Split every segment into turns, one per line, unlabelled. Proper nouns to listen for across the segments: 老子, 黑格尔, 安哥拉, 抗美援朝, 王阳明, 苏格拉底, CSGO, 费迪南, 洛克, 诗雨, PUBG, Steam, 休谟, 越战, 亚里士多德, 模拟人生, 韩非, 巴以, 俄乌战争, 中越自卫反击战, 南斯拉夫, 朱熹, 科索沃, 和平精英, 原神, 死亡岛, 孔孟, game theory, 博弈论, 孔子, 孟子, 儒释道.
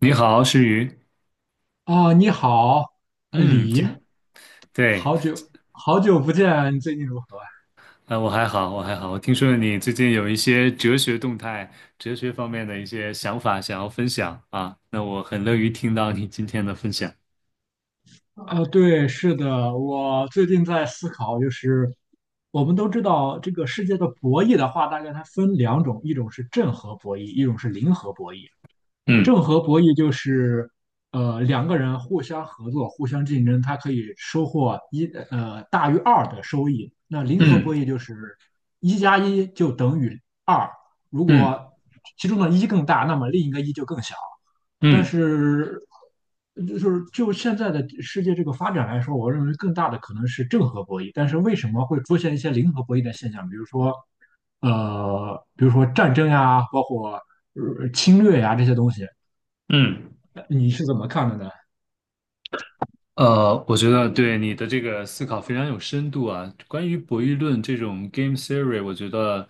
你好，诗雨。
啊，你好，
嗯，
李，
对，
好久好久不见，你最近如何啊？
啊、我还好，我还好。我听说你最近有一些哲学动态、哲学方面的一些想法想要分享啊，那我很乐于听到你今天的分享。
啊，对，是的，我最近在思考，就是我们都知道这个世界的博弈的话，大概它分两种，一种是正和博弈，一种是零和博弈。
嗯
正和博弈就是，两个人互相合作、互相竞争，他可以收获大于二的收益。那零和
嗯
博弈就是一加一就等于二，如果
嗯
其中的一更大，那么另一个一就更小。但
嗯
是就是现在的世界这个发展来说，我认为更大的可能是正和博弈。但是为什么会出现一些零和博弈的现象？比如说战争呀，包括侵略呀这些东西。
嗯。
你是怎么看的呢？
呃，我觉得对你的这个思考非常有深度啊。关于博弈论这种 game theory，我觉得，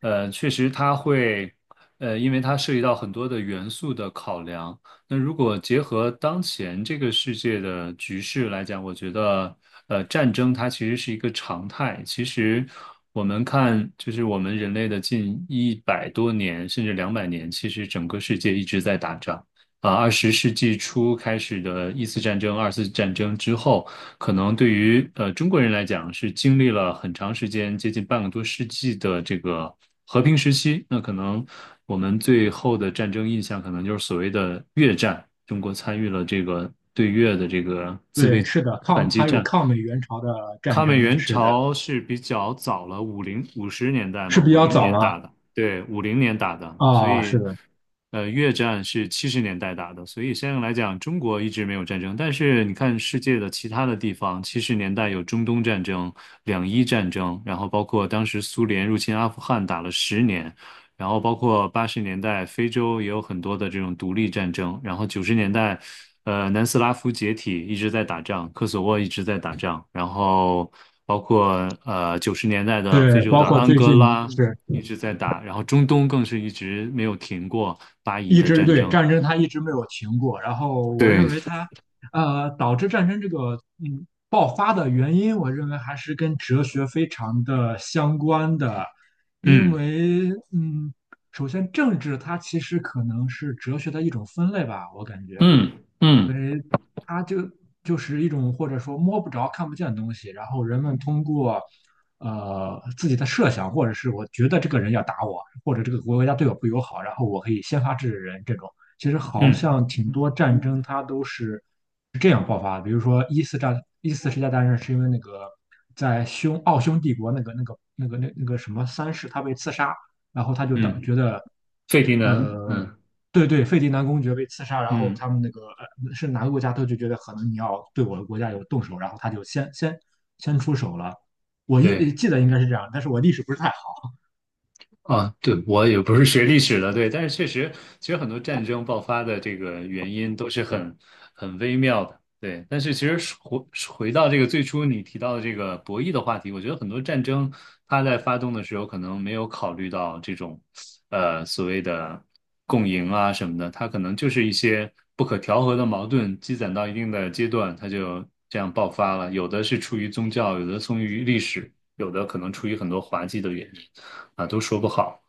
确实它会，因为它涉及到很多的元素的考量。那如果结合当前这个世界的局势来讲，我觉得，战争它其实是一个常态。其实我们看，就是我们人类的近100多年，甚至200年，其实整个世界一直在打仗。啊，20世纪初开始的一次战争、二次战争之后，可能对于中国人来讲是经历了很长时间，接近半个多世纪的这个和平时期。那可能我们最后的战争印象，可能就是所谓的越战，中国参与了这个对越的这个自
对，
卫
是的，
反击
还有
战。
抗美援朝的战
抗美
争，
援
是的，
朝是比较早了，五零五十年代
是
嘛，
比
五
较
零
早
年打
了
的，对，五零年打的，所
啊，是
以，
的，
越战是七十年代打的，所以相应来讲，中国一直没有战争。但是你看世界的其他的地方，七十年代有中东战争、两伊战争，然后包括当时苏联入侵阿富汗打了十年，然后包括80年代非洲也有很多的这种独立战争，然后九十年代，南斯拉夫解体一直在打仗，科索沃一直在打仗，然后包括九十年代的非
对，
洲
包
的
括
安
最
哥
近
拉
是
一直在打，然后中东更是一直没有停过巴以
一
的
直，
战
对，
争。
战争，它一直没有停过。然后我
对，
认为它，导致战争这个爆发的原因，我认为还是跟哲学非常的相关的，因
嗯
为首先政治它其实可能是哲学的一种分类吧，我感觉。
嗯
因
嗯
为它就是一种或者说摸不着、看不见的东西，然后人们通过自己的设想，或者是我觉得这个人要打我，或者这个国家对我不友好，然后我可以先发制人这种。其实好
嗯
像挺多战争它都是这样爆发的，比如说一四世界大战是因为那个在奥匈帝国那个什么三世他被刺杀，然后他就
嗯，
觉得。
费迪南，
呃
嗯
对对，费迪南公爵被刺杀，然后
嗯，
他们那个是哪个国家他就觉得可能你要对我的国家有动手，然后他就先出手了。我
对。
记得应该是这样，但是我历史不是太好。
啊，对，我也不是学历史的，对，但是确实，其实很多战争爆发的这个原因都是很微妙的，对。但是其实回到这个最初你提到的这个博弈的话题，我觉得很多战争它在发动的时候可能没有考虑到这种。所谓的共赢啊什么的，它可能就是一些不可调和的矛盾积攒到一定的阶段，它就这样爆发了。有的是出于宗教，有的出于历史，有的可能出于很多滑稽的原因啊，都说不好。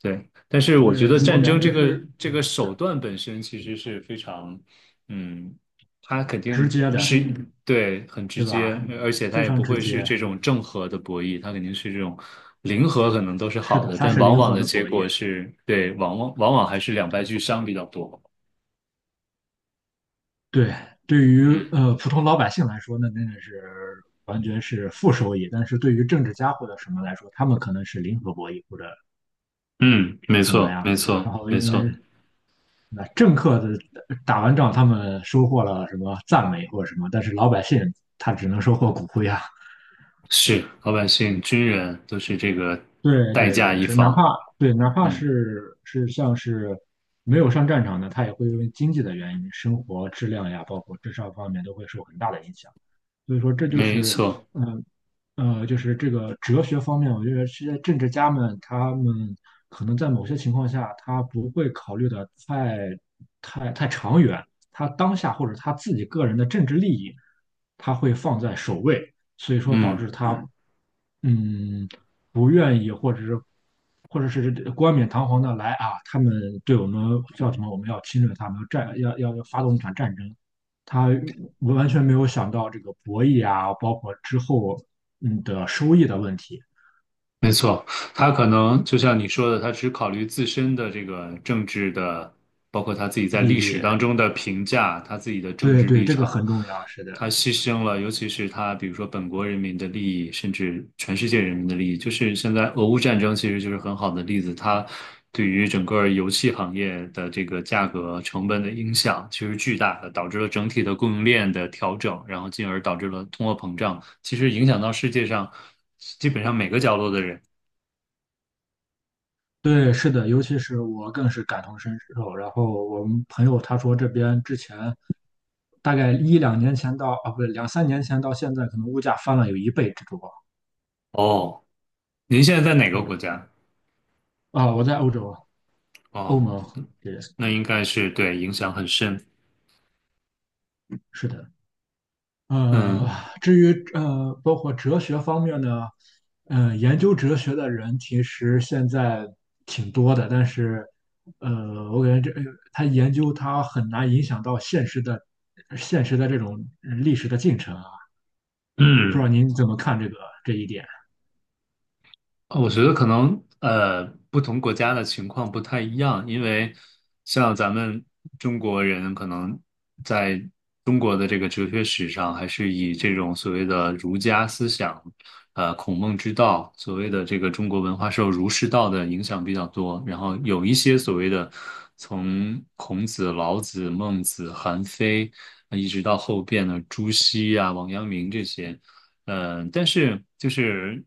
对，但是我觉得
对，我
战
感
争
觉
这个
是
这个手段本身其实是非常，嗯，它肯
直
定
接的，
是对很直
对
接，
吧？
而且
非
它也
常
不
直
会是
接。
这种正和的博弈，它肯定是这种零和，可能都是
是
好
的，
的，
它
但
是
往
零
往
和
的
的
结
博弈。
果是，对，往往还是两败俱伤比较多。
对，对于普通老百姓来说，那真的是完全是负收益。但是对于政治家或者什么来说，他们可能是零和博弈或者
嗯，没
怎么
错，没
样。
错，
然后
没
因为
错，
那政客的打完仗，他们收获了什么赞美或者什么，但是老百姓他只能收获骨灰啊。
是老百姓、军人都是这个
对
代
对
价
对，
一
是哪
方。
怕对哪怕
嗯，
是像是没有上战场的，他也会因为经济的原因、生活质量呀，包括智商方面都会受很大的影响。所以说，这就
没
是
错，
嗯呃，就是这个哲学方面，我觉得这些政治家们他们可能在某些情况下，他不会考虑的太长远，他当下或者他自己个人的政治利益，他会放在首位，所以说导
嗯。
致他。嗯，不愿意，或者是冠冕堂皇的来啊，他们对我们叫什么？我们要侵略他们，要发动一场战争。他完全没有想到这个博弈啊，包括之后的收益的问题、
没错，他可能就像你说的，他只考虑自身的这个政治的，包括他自己在
利
历史
益。
当中的评价，他自己的政
对
治
对，
立
这个
场，
很重要，是的，
他牺牲了，尤其是他比如说本国人民的利益，甚至全世界人民的利益。就是现在俄乌战争其实就是很好的例子，它对于整个油气行业的这个价格成本的影响其实巨大的，导致了整体的供应链的调整，然后进而导致了通货膨胀，其实影响到世界上基本上每个角落的人。
对，是的，尤其是我更是感同身受。然后我们朋友他说这边之前。大概一两年前到啊，不对，两三年前到现在，可能物价翻了有一倍之多。
哦，您现在在哪个国
的。
家？
啊，我在欧洲啊欧
哦，
盟 y
那应该是对影响很深。
是的。呃，
嗯
至于包括哲学方面呢，研究哲学的人其实现在挺多的，但是我感觉他研究他很难影响到现实的这种历史的进程啊。不知道
嗯，
您怎么看这一点？
我觉得可能不同国家的情况不太一样，因为像咱们中国人可能在中国的这个哲学史上，还是以这种所谓的儒家思想，孔孟之道，所谓的这个中国文化受儒释道的影响比较多，然后有一些所谓的从孔子、老子、孟子、韩非，一直到后边的朱熹啊、王阳明这些。嗯，但是就是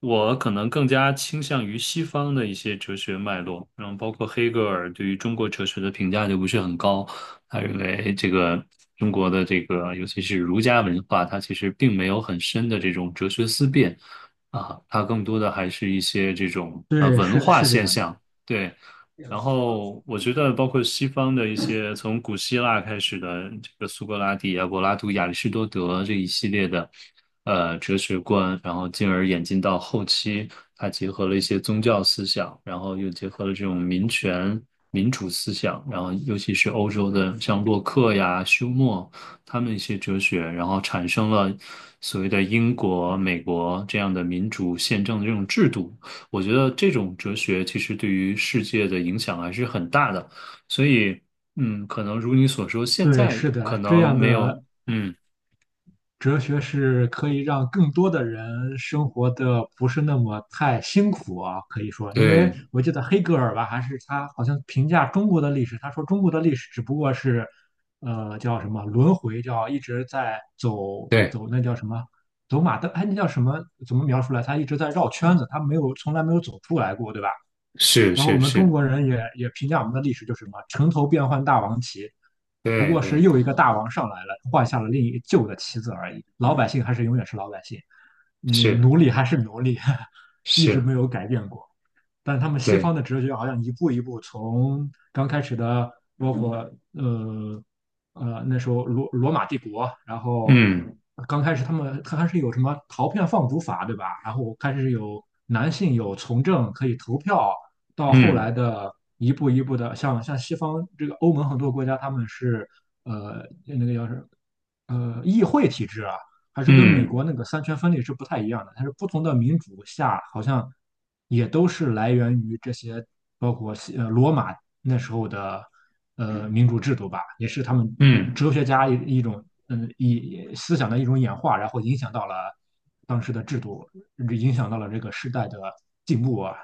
我可能更加倾向于西方的一些哲学脉络，然后包括黑格尔对于中国哲学的评价就不是很高，他认为这个中国的这个尤其是儒家文化，它其实并没有很深的这种哲学思辨啊，它更多的还是一些这种啊
对，
文
是
化
是这
现
样的。
象，对。然后我觉得，包括西方的一些从古希腊开始的这个苏格拉底啊、柏拉图、亚里士多德这一系列的哲学观，然后进而演进到后期，它结合了一些宗教思想，然后又结合了这种民权、民主思想，然后尤其是欧洲的像洛克呀、休谟他们一些哲学，然后产生了所谓的英国、美国这样的民主宪政的这种制度。我觉得这种哲学其实对于世界的影响还是很大的，所以，嗯，可能如你所说，现
对，
在
是
可
的，这
能
样
没有，
的
嗯，
哲学是可以让更多的人生活的不是那么太辛苦啊，可以说，因为
对
我记得黑格尔吧，还是他好像评价中国的历史，他说中国的历史只不过是，叫什么轮回，叫一直在走
对，
走那叫什么走马灯，哎，那叫什么？怎么描述来？他一直在绕圈子，他没有从来没有走出来过，对吧？
是
然后我
是
们中
是，
国人也评价我们的历史就是什么"城头变换大王旗"，不
对
过
对
是又一
对，
个大王上来了，换下了另一旧的旗子而已。老百姓还是永远是老百姓，你
是
奴隶还是奴隶，一直
是，
没有改变过。但他们西
对，
方的哲学好像一步一步从刚开始的，包括呃那时候罗马帝国，然后
嗯
刚开始他还是有什么陶片放逐法，对吧？然后开始有男性有从政可以投票，到后来
嗯
的一步一步的，像西方这个欧盟很多国家他们是那个叫是议会体制啊，还是跟美
嗯
国那个三权分立是不太一样的。它是不同的民主下，好像也都是来源于这些，包括罗马那时候的民主制度吧，也是他们
嗯
哲学家一种思想的一种演化，然后影响到了当时的制度，影响到了这个时代的进步啊。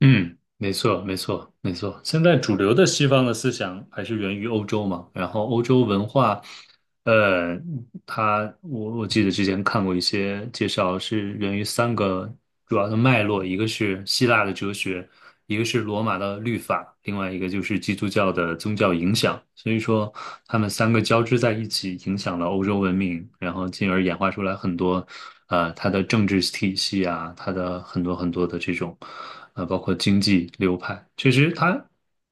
嗯，没错没错没错。现在主流的西方的思想还是源于欧洲嘛，然后欧洲文化。呃，它我记得之前看过一些介绍，是源于三个主要的脉络，一个是希腊的哲学，一个是罗马的律法，另外一个就是基督教的宗教影响。所以说，他们三个交织在一起，影响了欧洲文明，然后进而演化出来很多，它的政治体系啊，它的很多很多的这种，包括经济流派。其实它，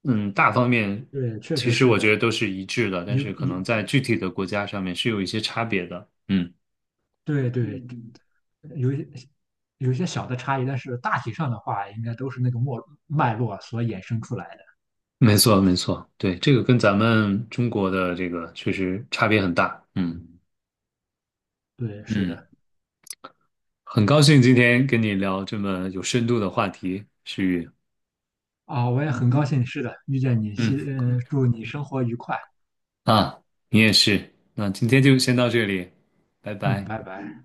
嗯，大方面
对，确
其
实
实
是
我
的。
觉得都是一致的，但
有
是可
有
能在具体的国家上面是有一些差别的。嗯，
对对，
嗯，
有一有一些小的差异，但是大体上的话，应该都是那个络所衍生出来的。
没错，没错，对，这个跟咱们中国的这个确实差别很大。嗯
对，是
嗯，
的，
很高兴今天跟你聊这么有深度的话题，诗雨。
啊，我也很高兴，是的，遇见你，
嗯，
祝你生活愉快，
啊，你也是。那今天就先到这里，拜
嗯，
拜。
拜拜。